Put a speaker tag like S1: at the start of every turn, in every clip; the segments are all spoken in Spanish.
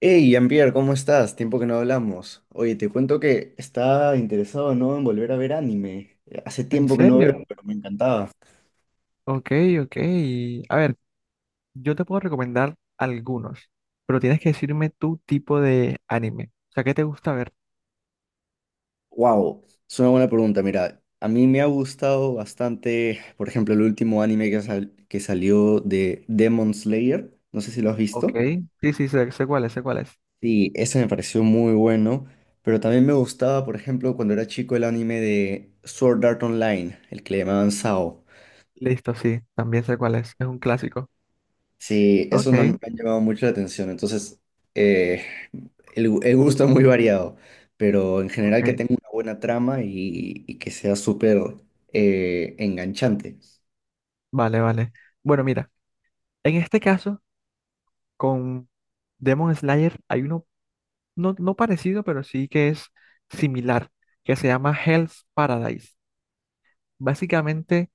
S1: Hey, Jean-Pierre, ¿cómo estás? Tiempo que no hablamos. Oye, te cuento que estaba interesado, ¿no?, en volver a ver anime. Hace
S2: ¿En
S1: tiempo que no veo,
S2: serio?
S1: pero me encantaba.
S2: Ok, ok. A ver, yo te puedo recomendar algunos, pero tienes que decirme tu tipo de anime. O sea, ¿qué te gusta ver?
S1: Wow, es una buena pregunta. Mira, a mí me ha gustado bastante, por ejemplo, el último anime que salió de Demon Slayer. No sé si lo has
S2: Ok.
S1: visto.
S2: Sí, sí, sé cuál es, sé cuál es.
S1: Sí, ese me pareció muy bueno. Pero también me gustaba, por ejemplo, cuando era chico el anime de Sword Art Online, el que le llamaban Sao.
S2: Listo, sí, también sé cuál es. Es un clásico.
S1: Sí,
S2: Ok,
S1: esos me han llamado mucho la atención. Entonces, eh, el gusto es muy variado, pero en general
S2: ok.
S1: que tenga una buena trama y que sea súper enganchante.
S2: Vale, vale. Bueno, mira, en este caso, con Demon Slayer hay uno no parecido, pero sí que es similar, que se llama Hell's Paradise. Básicamente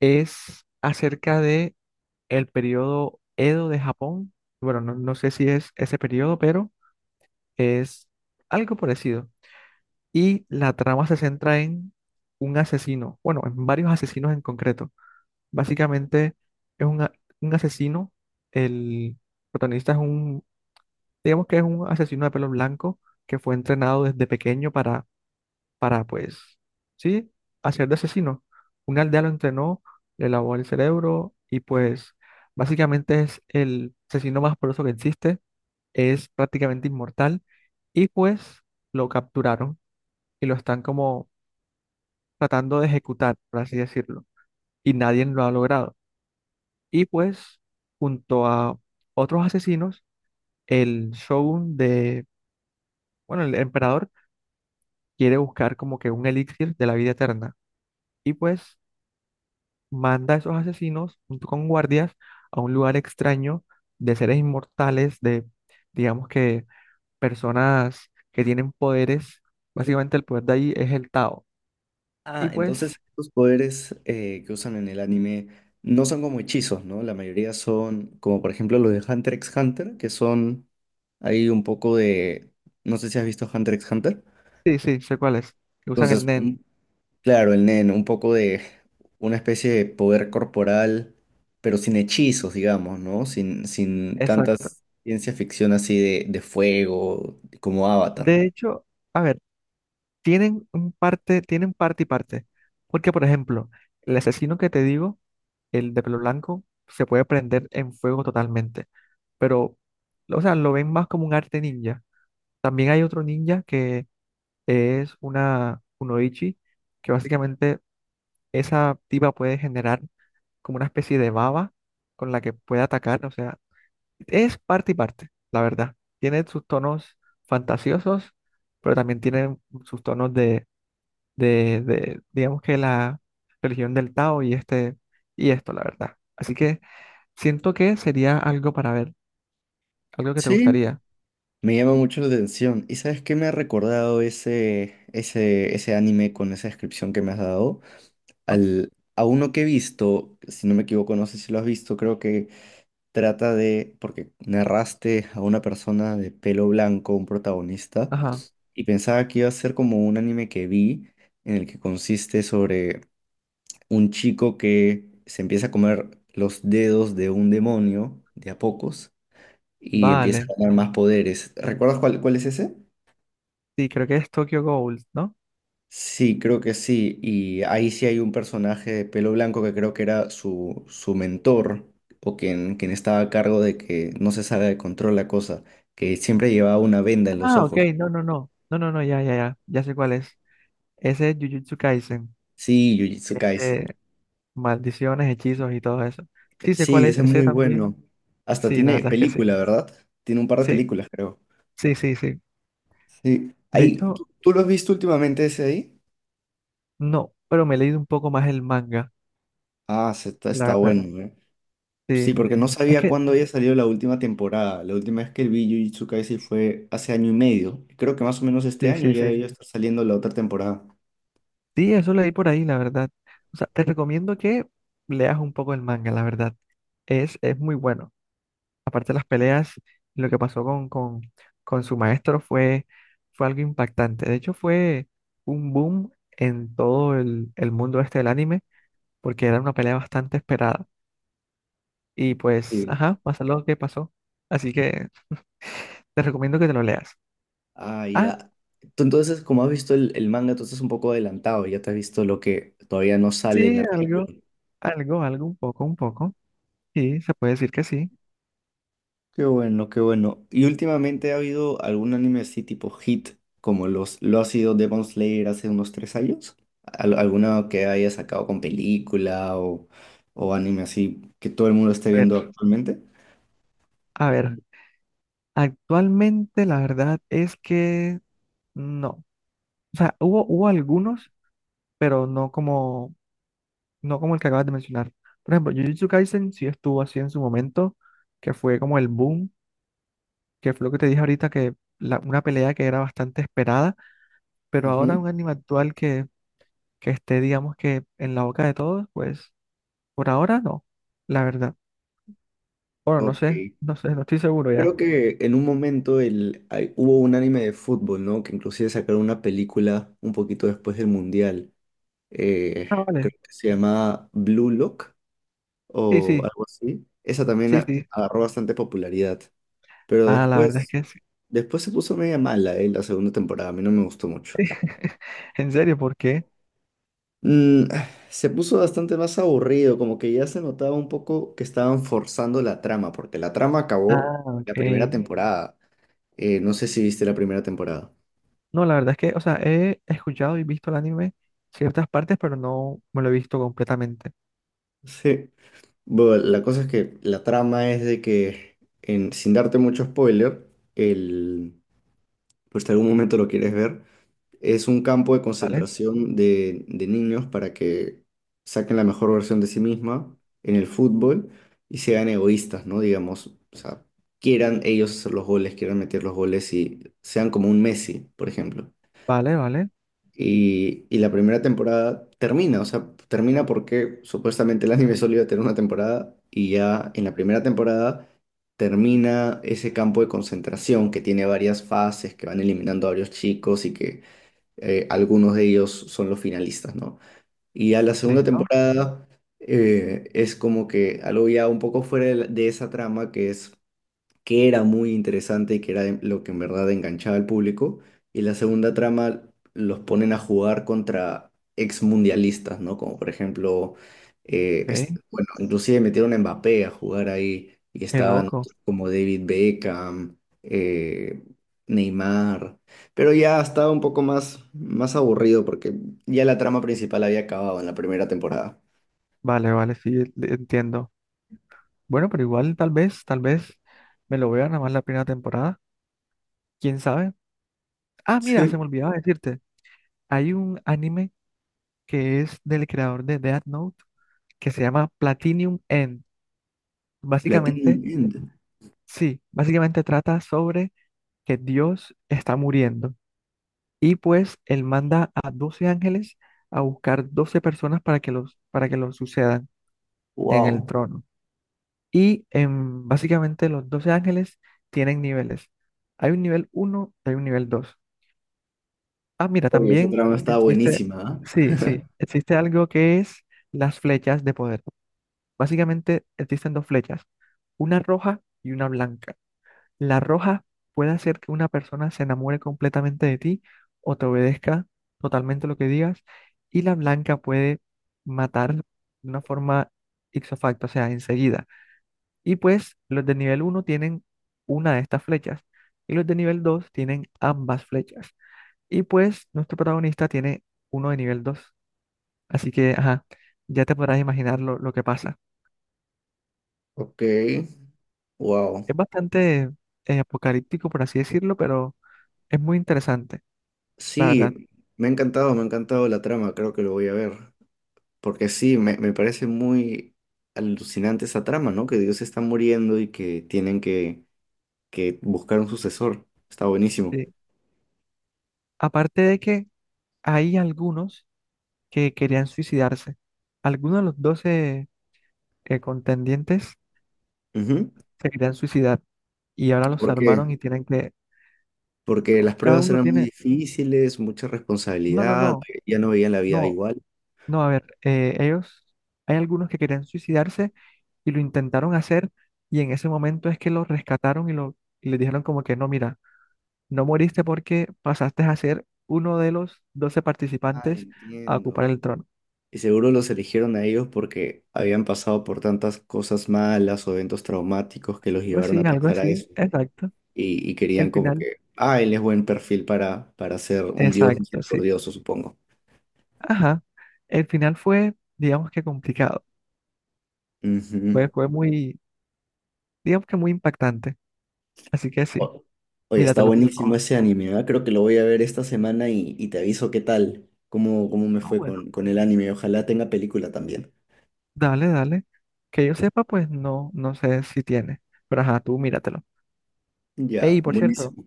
S2: es acerca de el periodo Edo de Japón. Bueno, no sé si es ese periodo, pero es algo parecido. Y la trama se centra en un asesino, bueno, en varios asesinos en concreto. Básicamente es un asesino, el protagonista es un, digamos que es un asesino de pelo blanco que fue entrenado desde pequeño pues, sí, hacer de asesino. Un aldea lo entrenó, le lavó el cerebro y pues básicamente es el asesino más poderoso que existe, es prácticamente inmortal y pues lo capturaron y lo están como tratando de ejecutar, por así decirlo, y nadie lo ha logrado. Y pues junto a otros asesinos, el shogun de, bueno, el emperador quiere buscar como que un elixir de la vida eterna. Y pues manda a esos asesinos junto con guardias a un lugar extraño de seres inmortales, de, digamos que, personas que tienen poderes. Básicamente el poder de ahí es el Tao. Y
S1: Ah,
S2: pues,
S1: entonces estos poderes que usan en el anime no son como hechizos, ¿no? La mayoría son como, por ejemplo, los de Hunter x Hunter, que son ahí un poco de... No sé si has visto Hunter x Hunter.
S2: sí, sí, sé cuál es, que usan el
S1: Entonces,
S2: Nen.
S1: claro, el Nen, un poco de una especie de poder corporal, pero sin hechizos, digamos, ¿no? Sin
S2: Exacto.
S1: tantas ciencia ficción así de fuego, como Avatar.
S2: De hecho, a ver, tienen un parte, tienen parte y parte. Porque, por ejemplo, el asesino que te digo, el de pelo blanco, se puede prender en fuego totalmente. Pero, o sea, lo ven más como un arte ninja. También hay otro ninja que es una kunoichi, que básicamente esa tipa puede generar como una especie de baba con la que puede atacar, o sea, es parte y parte, la verdad. Tiene sus tonos fantasiosos, pero también tiene sus tonos de, digamos que la religión del Tao y este, y esto, la verdad. Así que siento que sería algo para ver, algo que te
S1: Sí,
S2: gustaría,
S1: me llama mucho la atención. ¿Y sabes qué me ha recordado ese anime con esa descripción que me has dado?
S2: ¿no?
S1: A uno que he visto, si no me equivoco, no sé si lo has visto, creo que trata de, porque narraste a una persona de pelo blanco, un protagonista.
S2: Ajá,
S1: Y pensaba que iba a ser como un anime que vi, en el que consiste sobre un chico que se empieza a comer los dedos de un demonio de a pocos y empieza
S2: vale.
S1: a ganar más poderes. ¿Recuerdas cuál es ese?
S2: Sí, creo que es Tokyo Gold, ¿no?
S1: Sí, creo que sí. Y ahí sí hay un personaje de pelo blanco que creo que era su mentor o quien estaba a cargo de que no se salga de control la cosa, que siempre llevaba una venda en los
S2: Ah, ok,
S1: ojos.
S2: no, no, no. No, no, no, ya, ya, ya. Ya sé cuál es. Ese es Jujutsu Kaisen.
S1: Sí, Jujutsu Kaisen.
S2: Este, maldiciones, hechizos y todo eso. Sí, sé cuál
S1: Sí,
S2: es.
S1: ese es
S2: Ese
S1: muy bueno.
S2: también.
S1: Hasta
S2: Sí, la
S1: tiene
S2: verdad es que sí.
S1: película, ¿verdad? Tiene un par de
S2: Sí,
S1: películas, creo.
S2: sí, sí, sí.
S1: Sí.
S2: De
S1: Ahí,
S2: hecho,
S1: ¿tú lo has visto últimamente ese ahí?
S2: no, pero me he leído un poco más el manga,
S1: Ah,
S2: la
S1: está
S2: verdad.
S1: bueno, ¿eh? Sí,
S2: Sí.
S1: porque no
S2: Es
S1: sabía
S2: que,
S1: cuándo había salido la última temporada. La última vez que vi Jujutsu Kaisen fue hace año y medio. Creo que más o menos este
S2: sí,
S1: año
S2: sí,
S1: ya
S2: sí.
S1: debió estar saliendo la otra temporada.
S2: Sí, eso leí por ahí, la verdad. O sea, te recomiendo que leas un poco el manga, la verdad. Es muy bueno. Aparte de las peleas, lo que pasó con su maestro fue algo impactante. De hecho, fue un boom en todo el mundo este del anime, porque era una pelea bastante esperada. Y pues,
S1: Sí.
S2: ajá, pasó lo que pasó. Así que te recomiendo que te lo leas.
S1: Ah,
S2: Ah,
S1: ya. Tú entonces, como has visto el manga, tú estás un poco adelantado. Ya te has visto lo que todavía no sale en
S2: sí,
S1: la
S2: algo,
S1: película.
S2: algo, algo, un poco, un poco. Sí, se puede decir que sí.
S1: Qué bueno, qué bueno. ¿Y últimamente ha habido algún anime así tipo hit, como lo ha sido Demon Slayer hace unos tres años? ¿Alguna que haya sacado con película o anime así que todo el mundo esté
S2: A ver,
S1: viendo actualmente?
S2: a ver, actualmente la verdad es que no. O sea, hubo algunos, pero no como no como el que acabas de mencionar. Por ejemplo, Jujutsu Kaisen sí estuvo así en su momento, que fue como el boom, que fue lo que te dije ahorita, que una pelea que era bastante esperada, pero ahora
S1: Ujú.
S2: un anime actual que esté, digamos que en la boca de todos, pues por ahora no, la verdad. Bueno, no
S1: Ok.
S2: sé, no sé, no estoy seguro ya.
S1: Creo que en un momento hubo un anime de fútbol, ¿no? Que inclusive sacaron una película un poquito después del Mundial. Eh,
S2: Ah,
S1: creo
S2: vale,
S1: que se llamaba Blue Lock
S2: sí,
S1: o
S2: sí,
S1: algo así. Esa también
S2: sí, sí.
S1: agarró bastante popularidad. Pero
S2: Ah, la verdad es
S1: después,
S2: que sí.
S1: después se puso media mala, la segunda temporada. A mí no me gustó mucho.
S2: En serio, ¿por qué?
S1: Se puso bastante más aburrido, como que ya se notaba un poco que estaban forzando la trama, porque la trama acabó
S2: Ah,
S1: la
S2: ok.
S1: primera temporada. No sé si viste la primera temporada.
S2: No, la verdad es que, o sea, he escuchado y visto el anime ciertas partes, pero no me lo he visto completamente.
S1: Sí. Bueno, la cosa es que la trama es de que, en, sin darte mucho spoiler, el, pues si algún momento lo quieres ver, es un campo de
S2: ¿Vale?
S1: concentración de niños para que saquen la mejor versión de sí misma en el fútbol y sean egoístas, ¿no? Digamos, o sea, quieran ellos hacer los goles, quieran meter los goles y sean como un Messi, por ejemplo.
S2: Vale, vale.
S1: Y la primera temporada termina, o sea, termina porque supuestamente el anime solo iba a tener una temporada y ya en la primera temporada termina ese campo de concentración que tiene varias fases, que van eliminando a varios chicos y que algunos de ellos son los finalistas, ¿no? Y a la segunda
S2: Listo.
S1: temporada es como que algo ya un poco fuera de, de esa trama que es que era muy interesante y que era lo que en verdad enganchaba al público. Y la segunda trama los ponen a jugar contra ex mundialistas, ¿no? Como por ejemplo,
S2: Ok.
S1: bueno, inclusive metieron a Mbappé a jugar ahí y
S2: Qué
S1: estaban
S2: loco.
S1: como David Beckham, eh, Neymar. Pero ya estaba un poco más, más aburrido porque ya la trama principal había acabado en la primera temporada.
S2: Vale, vale, sí, entiendo. Bueno, pero igual tal vez me lo vea nada más la primera temporada. ¿Quién sabe? Ah, mira, se me
S1: Sí.
S2: olvidaba decirte. Hay un anime que es del creador de Death Note que se llama Platinum End. Básicamente,
S1: Platinum End.
S2: sí, básicamente trata sobre que Dios está muriendo. Y pues él manda a 12 ángeles a buscar 12 personas para que para que los sucedan en el
S1: Wow.
S2: trono. Y em, básicamente los 12 ángeles tienen niveles. Hay un nivel uno hay un nivel dos. Ah, mira,
S1: Oye, esa
S2: también
S1: trama estaba
S2: existe,
S1: buenísima, ¿ah?
S2: sí, sí, existe algo que es las flechas de poder. Básicamente existen dos flechas, una roja y una blanca. La roja puede hacer que una persona se enamore completamente de ti o te obedezca totalmente lo que digas. Y la blanca puede matar de una forma ipso facto, o sea, enseguida. Y pues los de nivel uno tienen una de estas flechas y los de nivel 2 tienen ambas flechas. Y pues nuestro protagonista tiene uno de nivel dos. Así que, ajá, ya te podrás imaginar lo que pasa.
S1: Ok, wow.
S2: Es bastante apocalíptico, por así decirlo, pero es muy interesante, la verdad.
S1: Sí, me ha encantado la trama, creo que lo voy a ver. Porque sí, me parece muy alucinante esa trama, ¿no? Que Dios está muriendo y que tienen que buscar un sucesor. Está buenísimo.
S2: Sí. Aparte de que hay algunos que querían suicidarse. Algunos de los 12 contendientes
S1: Ujú.
S2: se querían suicidar y ahora los
S1: ¿Por qué?
S2: salvaron y tienen que...
S1: Porque
S2: No,
S1: las
S2: cada
S1: pruebas
S2: uno
S1: eran muy
S2: tiene...
S1: difíciles, mucha
S2: No, no,
S1: responsabilidad,
S2: no,
S1: ya no veían la vida
S2: no,
S1: igual.
S2: no, a ver, ellos... Hay algunos que querían suicidarse y lo intentaron hacer y en ese momento es que los rescataron y les dijeron como que no, mira, no moriste porque pasaste a ser uno de los doce
S1: Ah,
S2: participantes a ocupar
S1: entiendo.
S2: el trono.
S1: Y seguro los eligieron a ellos porque habían pasado por tantas cosas malas o eventos traumáticos que los llevaron a
S2: Algo
S1: pensar a
S2: así,
S1: eso.
S2: exacto.
S1: Y, y
S2: El
S1: querían como
S2: final
S1: que, ah, él es buen perfil para ser un dios
S2: exacto, sí.
S1: misericordioso, supongo.
S2: Ajá. El final fue, digamos que complicado.
S1: Ujú.
S2: Fue, fue muy, digamos que muy impactante. Así que sí,
S1: O- Oye, está
S2: míratelo, por
S1: buenísimo
S2: favor.
S1: ese anime, ¿verdad? Creo que lo voy a ver esta semana y te aviso qué tal, cómo, cómo me
S2: Ah,
S1: fue
S2: bueno.
S1: con el anime. Ojalá tenga película también.
S2: Dale, dale. Que yo sepa, pues no, no sé si tiene. Pero ajá, tú míratelo.
S1: Ya,
S2: Ey, por cierto,
S1: buenísimo.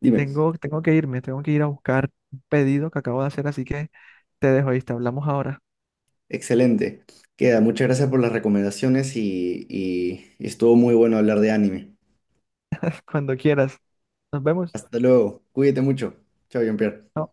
S1: Dime,
S2: tengo que irme, tengo que ir a buscar un pedido que acabo de hacer, así que te dejo ahí, te hablamos ahora.
S1: excelente. Queda, muchas gracias por las recomendaciones y, y estuvo muy bueno hablar de anime.
S2: Cuando quieras. Nos vemos.
S1: Hasta luego, cuídate mucho. Chao, Jean-Pierre.
S2: Chao.